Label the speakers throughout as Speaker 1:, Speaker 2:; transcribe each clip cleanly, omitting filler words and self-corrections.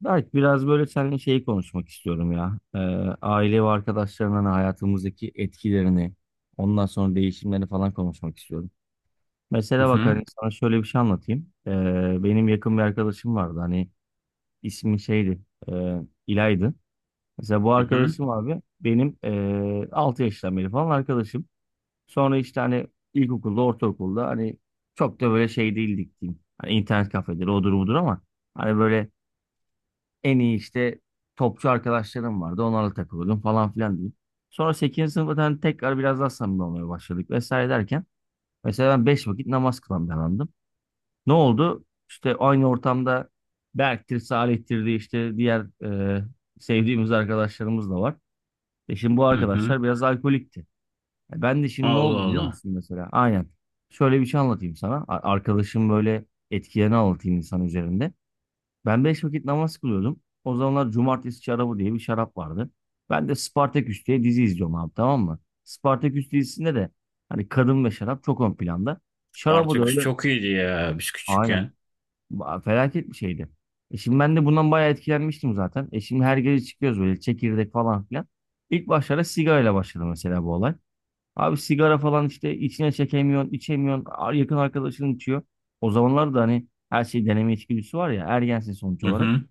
Speaker 1: Berk biraz böyle seninle şeyi konuşmak istiyorum ya. Aile ve arkadaşların hani hayatımızdaki etkilerini, ondan sonra değişimlerini falan konuşmak istiyorum.
Speaker 2: Hı
Speaker 1: Mesela bak
Speaker 2: hı.
Speaker 1: hani sana şöyle bir şey anlatayım. Benim yakın bir arkadaşım vardı hani ismi şeydi, e, İlay'dı. Mesela bu
Speaker 2: Hı hı.
Speaker 1: arkadaşım abi benim 6 yaştan beri falan arkadaşım. Sonra işte hani ilkokulda, ortaokulda hani çok da böyle şey değildik diyeyim. Hani internet kafeleri odur budur ama hani böyle en iyi işte topçu arkadaşlarım vardı. Onlarla takılıyordum falan filan diyeyim. Sonra sekizinci sınıftan tekrar biraz daha samimi olmaya başladık vesaire derken mesela ben 5 vakit namaz kılan bir adamdım. Ne oldu? İşte aynı ortamda Berk'tir, Salih'tir diye işte diğer e, sevdiğimiz arkadaşlarımız da var. E şimdi bu
Speaker 2: Hı hı.
Speaker 1: arkadaşlar biraz alkolikti. E ben de şimdi ne
Speaker 2: Allah
Speaker 1: oldu biliyor
Speaker 2: Allah.
Speaker 1: musun mesela? Aynen. Şöyle bir şey anlatayım sana. Arkadaşım böyle etkilerini anlatayım insan üzerinde. Ben beş vakit namaz kılıyordum. O zamanlar Cumartesi şarabı diye bir şarap vardı. Ben de Spartaküs diye dizi izliyorum abi, tamam mı? Spartaküs dizisinde de hani kadın ve şarap çok ön planda. Şarabı da
Speaker 2: Spartaküs
Speaker 1: öyle.
Speaker 2: çok iyiydi ya biz
Speaker 1: Aynen.
Speaker 2: küçükken.
Speaker 1: Felaket bir şeydi. E şimdi ben de bundan bayağı etkilenmiştim zaten. E şimdi her gece çıkıyoruz böyle çekirdek falan filan. İlk başlarda sigarayla başladı mesela bu olay. Abi sigara falan işte içine çekemiyorsun, içemiyorsun. Yakın arkadaşın içiyor. O zamanlar da hani her şey deneme içgüdüsü var ya, ergensin sonuç
Speaker 2: Hı
Speaker 1: olarak.
Speaker 2: hı.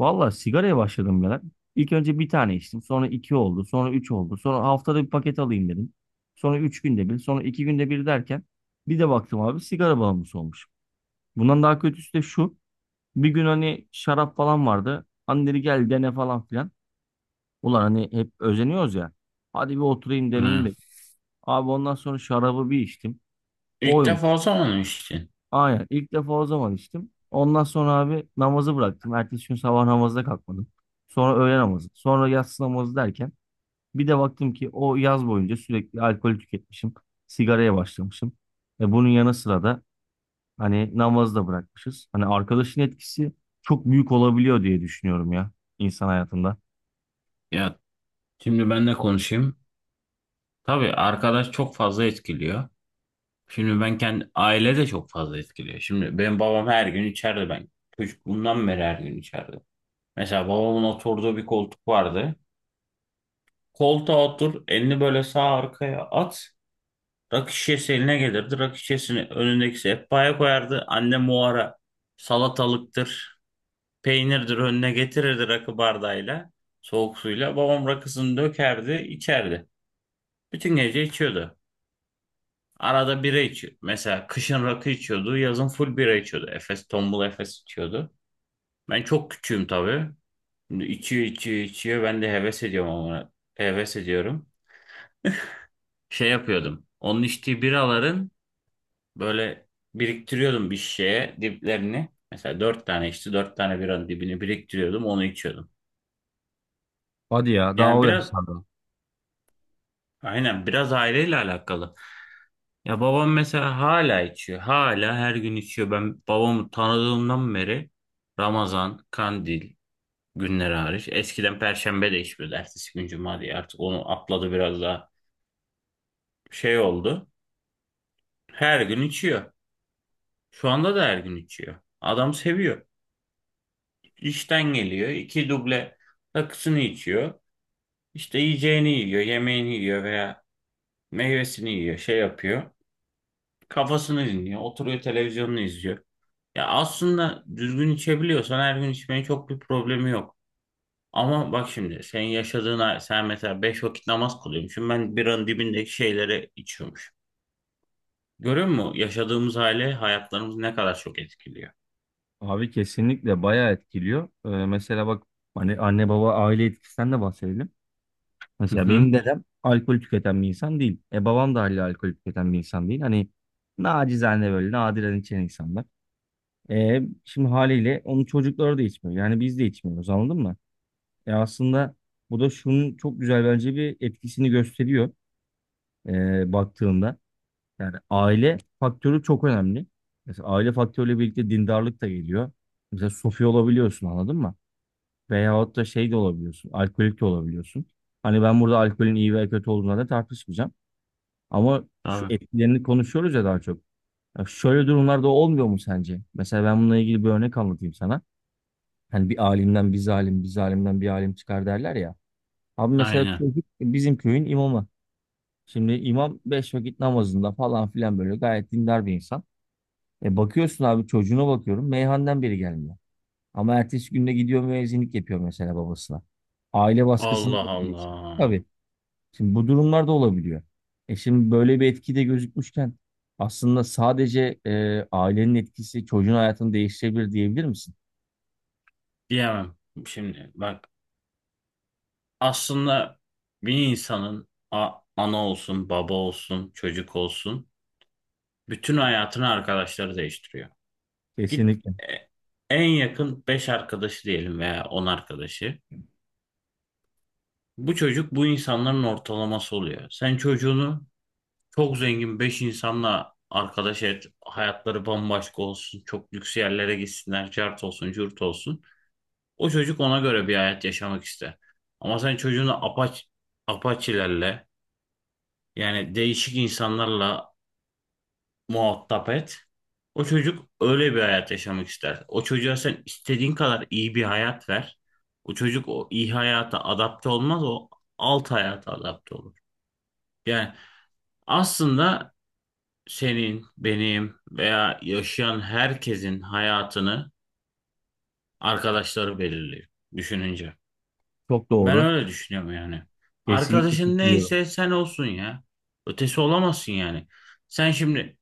Speaker 1: Valla sigaraya başladım ben. İlk önce bir tane içtim. Sonra iki oldu. Sonra üç oldu. Sonra haftada bir paket alayım dedim. Sonra üç günde bir. Sonra iki günde bir derken bir de baktım abi sigara bağımlısı olmuş. Bundan daha kötüsü de şu. Bir gün hani şarap falan vardı. Hani dedi gel dene falan filan. Ulan hani hep özeniyoruz ya. Hadi bir oturayım deneyeyim
Speaker 2: Hı.
Speaker 1: de. Abi ondan sonra şarabı bir içtim.
Speaker 2: İlk
Speaker 1: Oymuş.
Speaker 2: defa o zaman işte.
Speaker 1: Aynen. İlk defa o zaman içtim. Ondan sonra abi namazı bıraktım. Ertesi gün sabah namazda kalkmadım. Sonra öğle namazı. Sonra yatsı namazı derken bir de baktım ki o yaz boyunca sürekli alkol tüketmişim. Sigaraya başlamışım. E bunun yanı sıra da hani namazı da bırakmışız. Hani arkadaşın etkisi çok büyük olabiliyor diye düşünüyorum ya insan hayatında.
Speaker 2: Ya şimdi ben de konuşayım. Tabii arkadaş çok fazla etkiliyor. Şimdi ben kendi aile de çok fazla etkiliyor. Şimdi benim babam her gün içeride ben. Çocukluğumdan beri her gün içeride. Mesela babamın oturduğu bir koltuk vardı. Koltuğa otur, elini böyle sağ arkaya at. Rakı şişesi eline gelirdi. Rakı şişesini önündeki sehpaya koyardı. Annem o ara salatalıktır, peynirdir önüne getirirdi rakı bardağıyla, soğuk suyla. Babam rakısını dökerdi, içerdi. Bütün gece içiyordu. Arada bira içiyordu. Mesela kışın rakı içiyordu, yazın full bira içiyordu. Efes, tombul Efes içiyordu. Ben çok küçüğüm tabii. Şimdi içiyor, içiyor, içiyor. Ben de heves ediyorum, ama heves ediyorum. Şey yapıyordum. Onun içtiği biraların böyle biriktiriyordum bir şişeye diplerini. Mesela dört tane, işte dört tane biranın dibini biriktiriyordum, onu içiyordum.
Speaker 1: Hadi ya, daha
Speaker 2: Yani
Speaker 1: o
Speaker 2: biraz,
Speaker 1: yaşlarda.
Speaker 2: aynen, biraz aileyle alakalı. Ya babam mesela hala içiyor. Hala her gün içiyor. Ben babamı tanıdığımdan beri Ramazan, Kandil günleri hariç. Eskiden Perşembe de içmiyordu. Ertesi gün Cuma diye artık onu atladı, biraz daha şey oldu. Her gün içiyor. Şu anda da her gün içiyor. Adam seviyor. İşten geliyor, iki duble rakısını içiyor. İşte yiyeceğini yiyor, yemeğini yiyor veya meyvesini yiyor, şey yapıyor. Kafasını dinliyor, oturuyor, televizyonunu izliyor. Ya aslında düzgün içebiliyorsan her gün içmenin çok bir problemi yok. Ama bak şimdi senin yaşadığın, sen mesela beş vakit namaz kılıyormuşsun. Ben biranın dibindeki şeyleri içiyormuş. Görüyor musun? Yaşadığımız aile hayatlarımızı ne kadar çok etkiliyor.
Speaker 1: Abi kesinlikle bayağı etkiliyor. Mesela bak hani anne baba aile etkisinden de bahsedelim.
Speaker 2: Hı
Speaker 1: Mesela
Speaker 2: hı.
Speaker 1: benim dedem alkol tüketen bir insan değil. E babam da haliyle alkol tüketen bir insan değil. Hani nacizane böyle nadiren içen insanlar. E şimdi haliyle onun çocukları da içmiyor. Yani biz de içmiyoruz, anladın mı? E aslında bu da şunun çok güzel bence bir etkisini gösteriyor baktığında. Yani aile faktörü çok önemli. Mesela aile faktörüyle birlikte dindarlık da geliyor. Mesela sofi olabiliyorsun, anladın mı? Veyahut da şey de olabiliyorsun. Alkolik de olabiliyorsun. Hani ben burada alkolün iyi veya kötü olduğuna da tartışmayacağım. Ama şu
Speaker 2: Tabii.
Speaker 1: etkilerini konuşuyoruz ya daha çok. Ya şöyle durumlarda olmuyor mu sence? Mesela ben bununla ilgili bir örnek anlatayım sana. Hani bir alimden bir zalim, bir zalimden bir alim çıkar derler ya. Abi mesela
Speaker 2: Aynen.
Speaker 1: çocuk bizim köyün imamı. Şimdi imam beş vakit namazında falan filan böyle gayet dindar bir insan. E bakıyorsun abi, çocuğuna bakıyorum meyhaneden biri gelmiyor. Ama ertesi günde gidiyor müezzinlik yapıyor mesela babasına. Aile baskısını
Speaker 2: Allah
Speaker 1: da biliyorsun.
Speaker 2: Allah.
Speaker 1: Tabii. Şimdi bu durumlar da olabiliyor. E şimdi böyle bir etki de gözükmüşken aslında sadece ailenin etkisi çocuğun hayatını değiştirebilir diyebilir misin?
Speaker 2: Diyemem. Şimdi bak, aslında bir insanın ana olsun, baba olsun, çocuk olsun, bütün hayatını arkadaşları değiştiriyor. Git,
Speaker 1: Kesinlikle.
Speaker 2: e, en yakın 5 arkadaşı diyelim veya 10 arkadaşı. Bu çocuk bu insanların ortalaması oluyor. Sen çocuğunu çok zengin 5 insanla arkadaş et, hayatları bambaşka olsun, çok lüks yerlere gitsinler, cart olsun, cürt olsun. O çocuk ona göre bir hayat yaşamak ister. Ama sen çocuğunu apaçilerle, yani değişik insanlarla muhatap et. O çocuk öyle bir hayat yaşamak ister. O çocuğa sen istediğin kadar iyi bir hayat ver, o çocuk o iyi hayata adapte olmaz, o alt hayata adapte olur. Yani aslında senin, benim veya yaşayan herkesin hayatını arkadaşları belirliyor düşününce.
Speaker 1: Çok
Speaker 2: Ben
Speaker 1: doğru.
Speaker 2: öyle düşünüyorum yani.
Speaker 1: Kesinlikle
Speaker 2: Arkadaşın
Speaker 1: katılıyorum.
Speaker 2: neyse sen olsun ya. Ötesi olamazsın yani. Sen şimdi,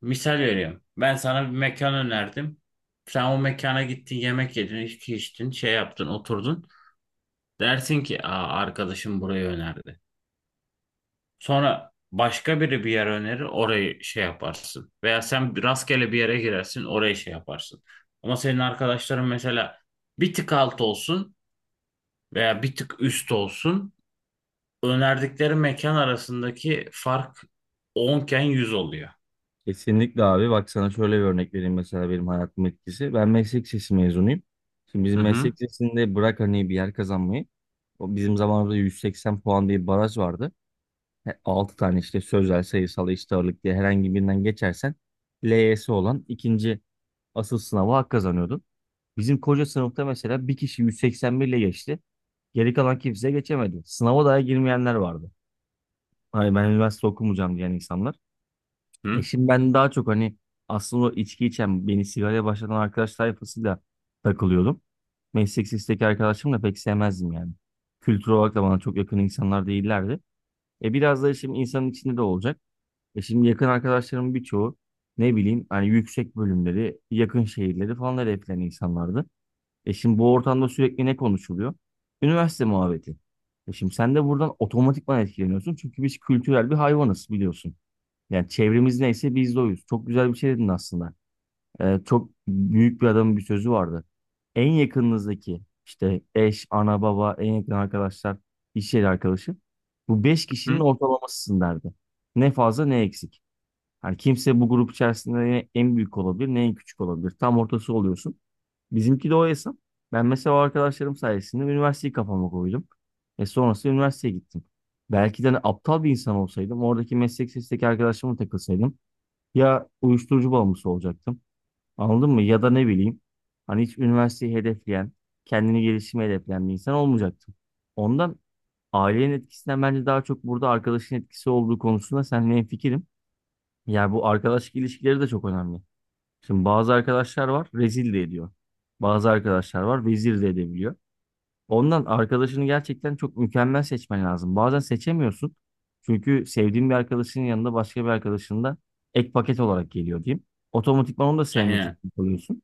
Speaker 2: misal veriyorum, ben sana bir mekan önerdim. Sen o mekana gittin, yemek yedin, içki içtin, şey yaptın, oturdun. Dersin ki, "Aa, arkadaşım burayı önerdi." Sonra başka biri bir yer önerir, orayı şey yaparsın. Veya sen rastgele bir yere girersin, orayı şey yaparsın. Ama senin arkadaşların mesela bir tık alt olsun veya bir tık üst olsun. Önerdikleri mekan arasındaki fark onken 100 oluyor.
Speaker 1: Kesinlikle abi. Bak sana şöyle bir örnek vereyim, mesela benim hayatım etkisi. Ben meslek lisesi mezunuyum. Şimdi bizim
Speaker 2: Hı hı.
Speaker 1: meslek lisesinde bırak hani bir yer kazanmayı. O bizim zamanımızda 180 puan diye bir baraj vardı. 6 tane işte sözel, sayısal, eşit ağırlık diye herhangi birinden geçersen LYS olan ikinci asıl sınava hak kazanıyordun. Bizim koca sınıfta mesela bir kişi 181 ile geçti. Geri kalan kimse geçemedi. Sınava daha girmeyenler vardı. Hani ben üniversite okumayacağım diyen insanlar. E
Speaker 2: Hı
Speaker 1: şimdi ben daha çok hani aslında o içki içen, beni sigaraya başlatan arkadaş tayfasıyla takılıyordum. Meslek lisesteki arkadaşımı pek sevmezdim yani. Kültür olarak da bana çok yakın insanlar değillerdi. E biraz da şimdi insanın içinde de olacak. E şimdi yakın arkadaşlarımın birçoğu ne bileyim hani yüksek bölümleri, yakın şehirleri falan hedefleyen insanlardı. E şimdi bu ortamda sürekli ne konuşuluyor? Üniversite muhabbeti. E şimdi sen de buradan otomatikman etkileniyorsun. Çünkü biz kültürel bir hayvanız, biliyorsun. Yani çevremiz neyse biz de oyuz. Çok güzel bir şey dedin aslında. Çok büyük bir adamın bir sözü vardı. En yakınınızdaki işte eş, ana, baba, en yakın arkadaşlar, iş yeri arkadaşı. Bu beş kişinin
Speaker 2: hı.
Speaker 1: ortalamasısın derdi. Ne fazla ne eksik. Yani kimse bu grup içerisinde ne en büyük olabilir ne en küçük olabilir. Tam ortası oluyorsun. Bizimki de o hesap. Ben mesela o arkadaşlarım sayesinde üniversiteyi kafama koydum. E sonrasında üniversiteye gittim. Belki de hani aptal bir insan olsaydım, oradaki meslek sesindeki arkadaşlarıma takılsaydım ya uyuşturucu bağımlısı olacaktım. Anladın mı? Ya da ne bileyim hani hiç üniversiteyi hedefleyen, kendini gelişime hedefleyen bir insan olmayacaktım. Ondan ailenin etkisinden bence daha çok burada arkadaşın etkisi olduğu konusunda seninle hemfikirim. Yani bu arkadaşlık ilişkileri de çok önemli. Şimdi bazı arkadaşlar var rezil de ediyor. Bazı arkadaşlar var vezir de edebiliyor. Ondan arkadaşını gerçekten çok mükemmel seçmen lazım. Bazen seçemiyorsun. Çünkü sevdiğin bir arkadaşının yanında başka bir arkadaşın da ek paket olarak geliyor diyeyim. Otomatikman onu da sevmek için
Speaker 2: Aynen.
Speaker 1: kalıyorsun.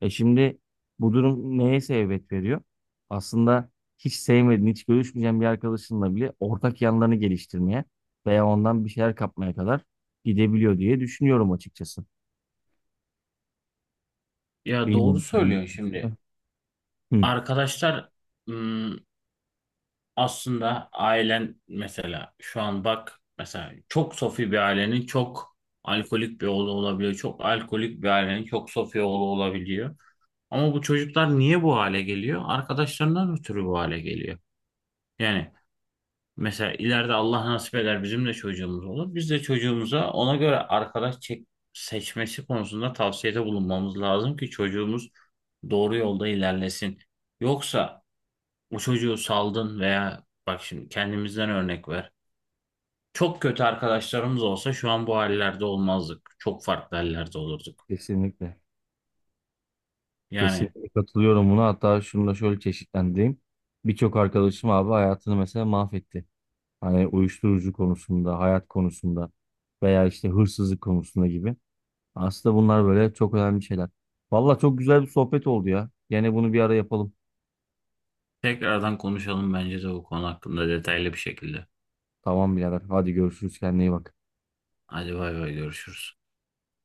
Speaker 1: E şimdi bu durum neye sebebiyet veriyor? Aslında hiç sevmediğin, hiç görüşmeyeceğin bir arkadaşınla bile ortak yanlarını geliştirmeye veya ondan bir şeyler kapmaya kadar gidebiliyor diye düşünüyorum açıkçası.
Speaker 2: Ya doğru
Speaker 1: Bilmiyorum. Sen ne
Speaker 2: söylüyorsun şimdi.
Speaker 1: düşünüyorsun? Hı,
Speaker 2: Arkadaşlar ım, aslında ailen, mesela şu an bak, mesela çok sofi bir ailenin çok alkolik bir oğlu olabiliyor. Çok alkolik bir ailenin çok sofi oğlu olabiliyor. Ama bu çocuklar niye bu hale geliyor? Arkadaşlarından ötürü bu hale geliyor. Yani mesela ileride Allah nasip eder, bizim de çocuğumuz olur. Biz de çocuğumuza ona göre arkadaş seçmesi konusunda tavsiyede bulunmamız lazım ki çocuğumuz doğru yolda ilerlesin. Yoksa o çocuğu saldın veya bak, şimdi kendimizden örnek ver. Çok kötü arkadaşlarımız olsa şu an bu hallerde olmazdık. Çok farklı hallerde olurduk.
Speaker 1: kesinlikle.
Speaker 2: Yani
Speaker 1: Kesinlikle katılıyorum buna. Hatta şunu da şöyle çeşitlendireyim. Birçok arkadaşım abi hayatını mesela mahvetti. Hani uyuşturucu konusunda, hayat konusunda veya işte hırsızlık konusunda gibi. Aslında bunlar böyle çok önemli şeyler. Valla çok güzel bir sohbet oldu ya. Gene bunu bir ara yapalım.
Speaker 2: tekrardan konuşalım bence de bu konu hakkında detaylı bir şekilde.
Speaker 1: Tamam birader. Hadi görüşürüz. Kendine iyi bak.
Speaker 2: Hadi, bay bay, görüşürüz.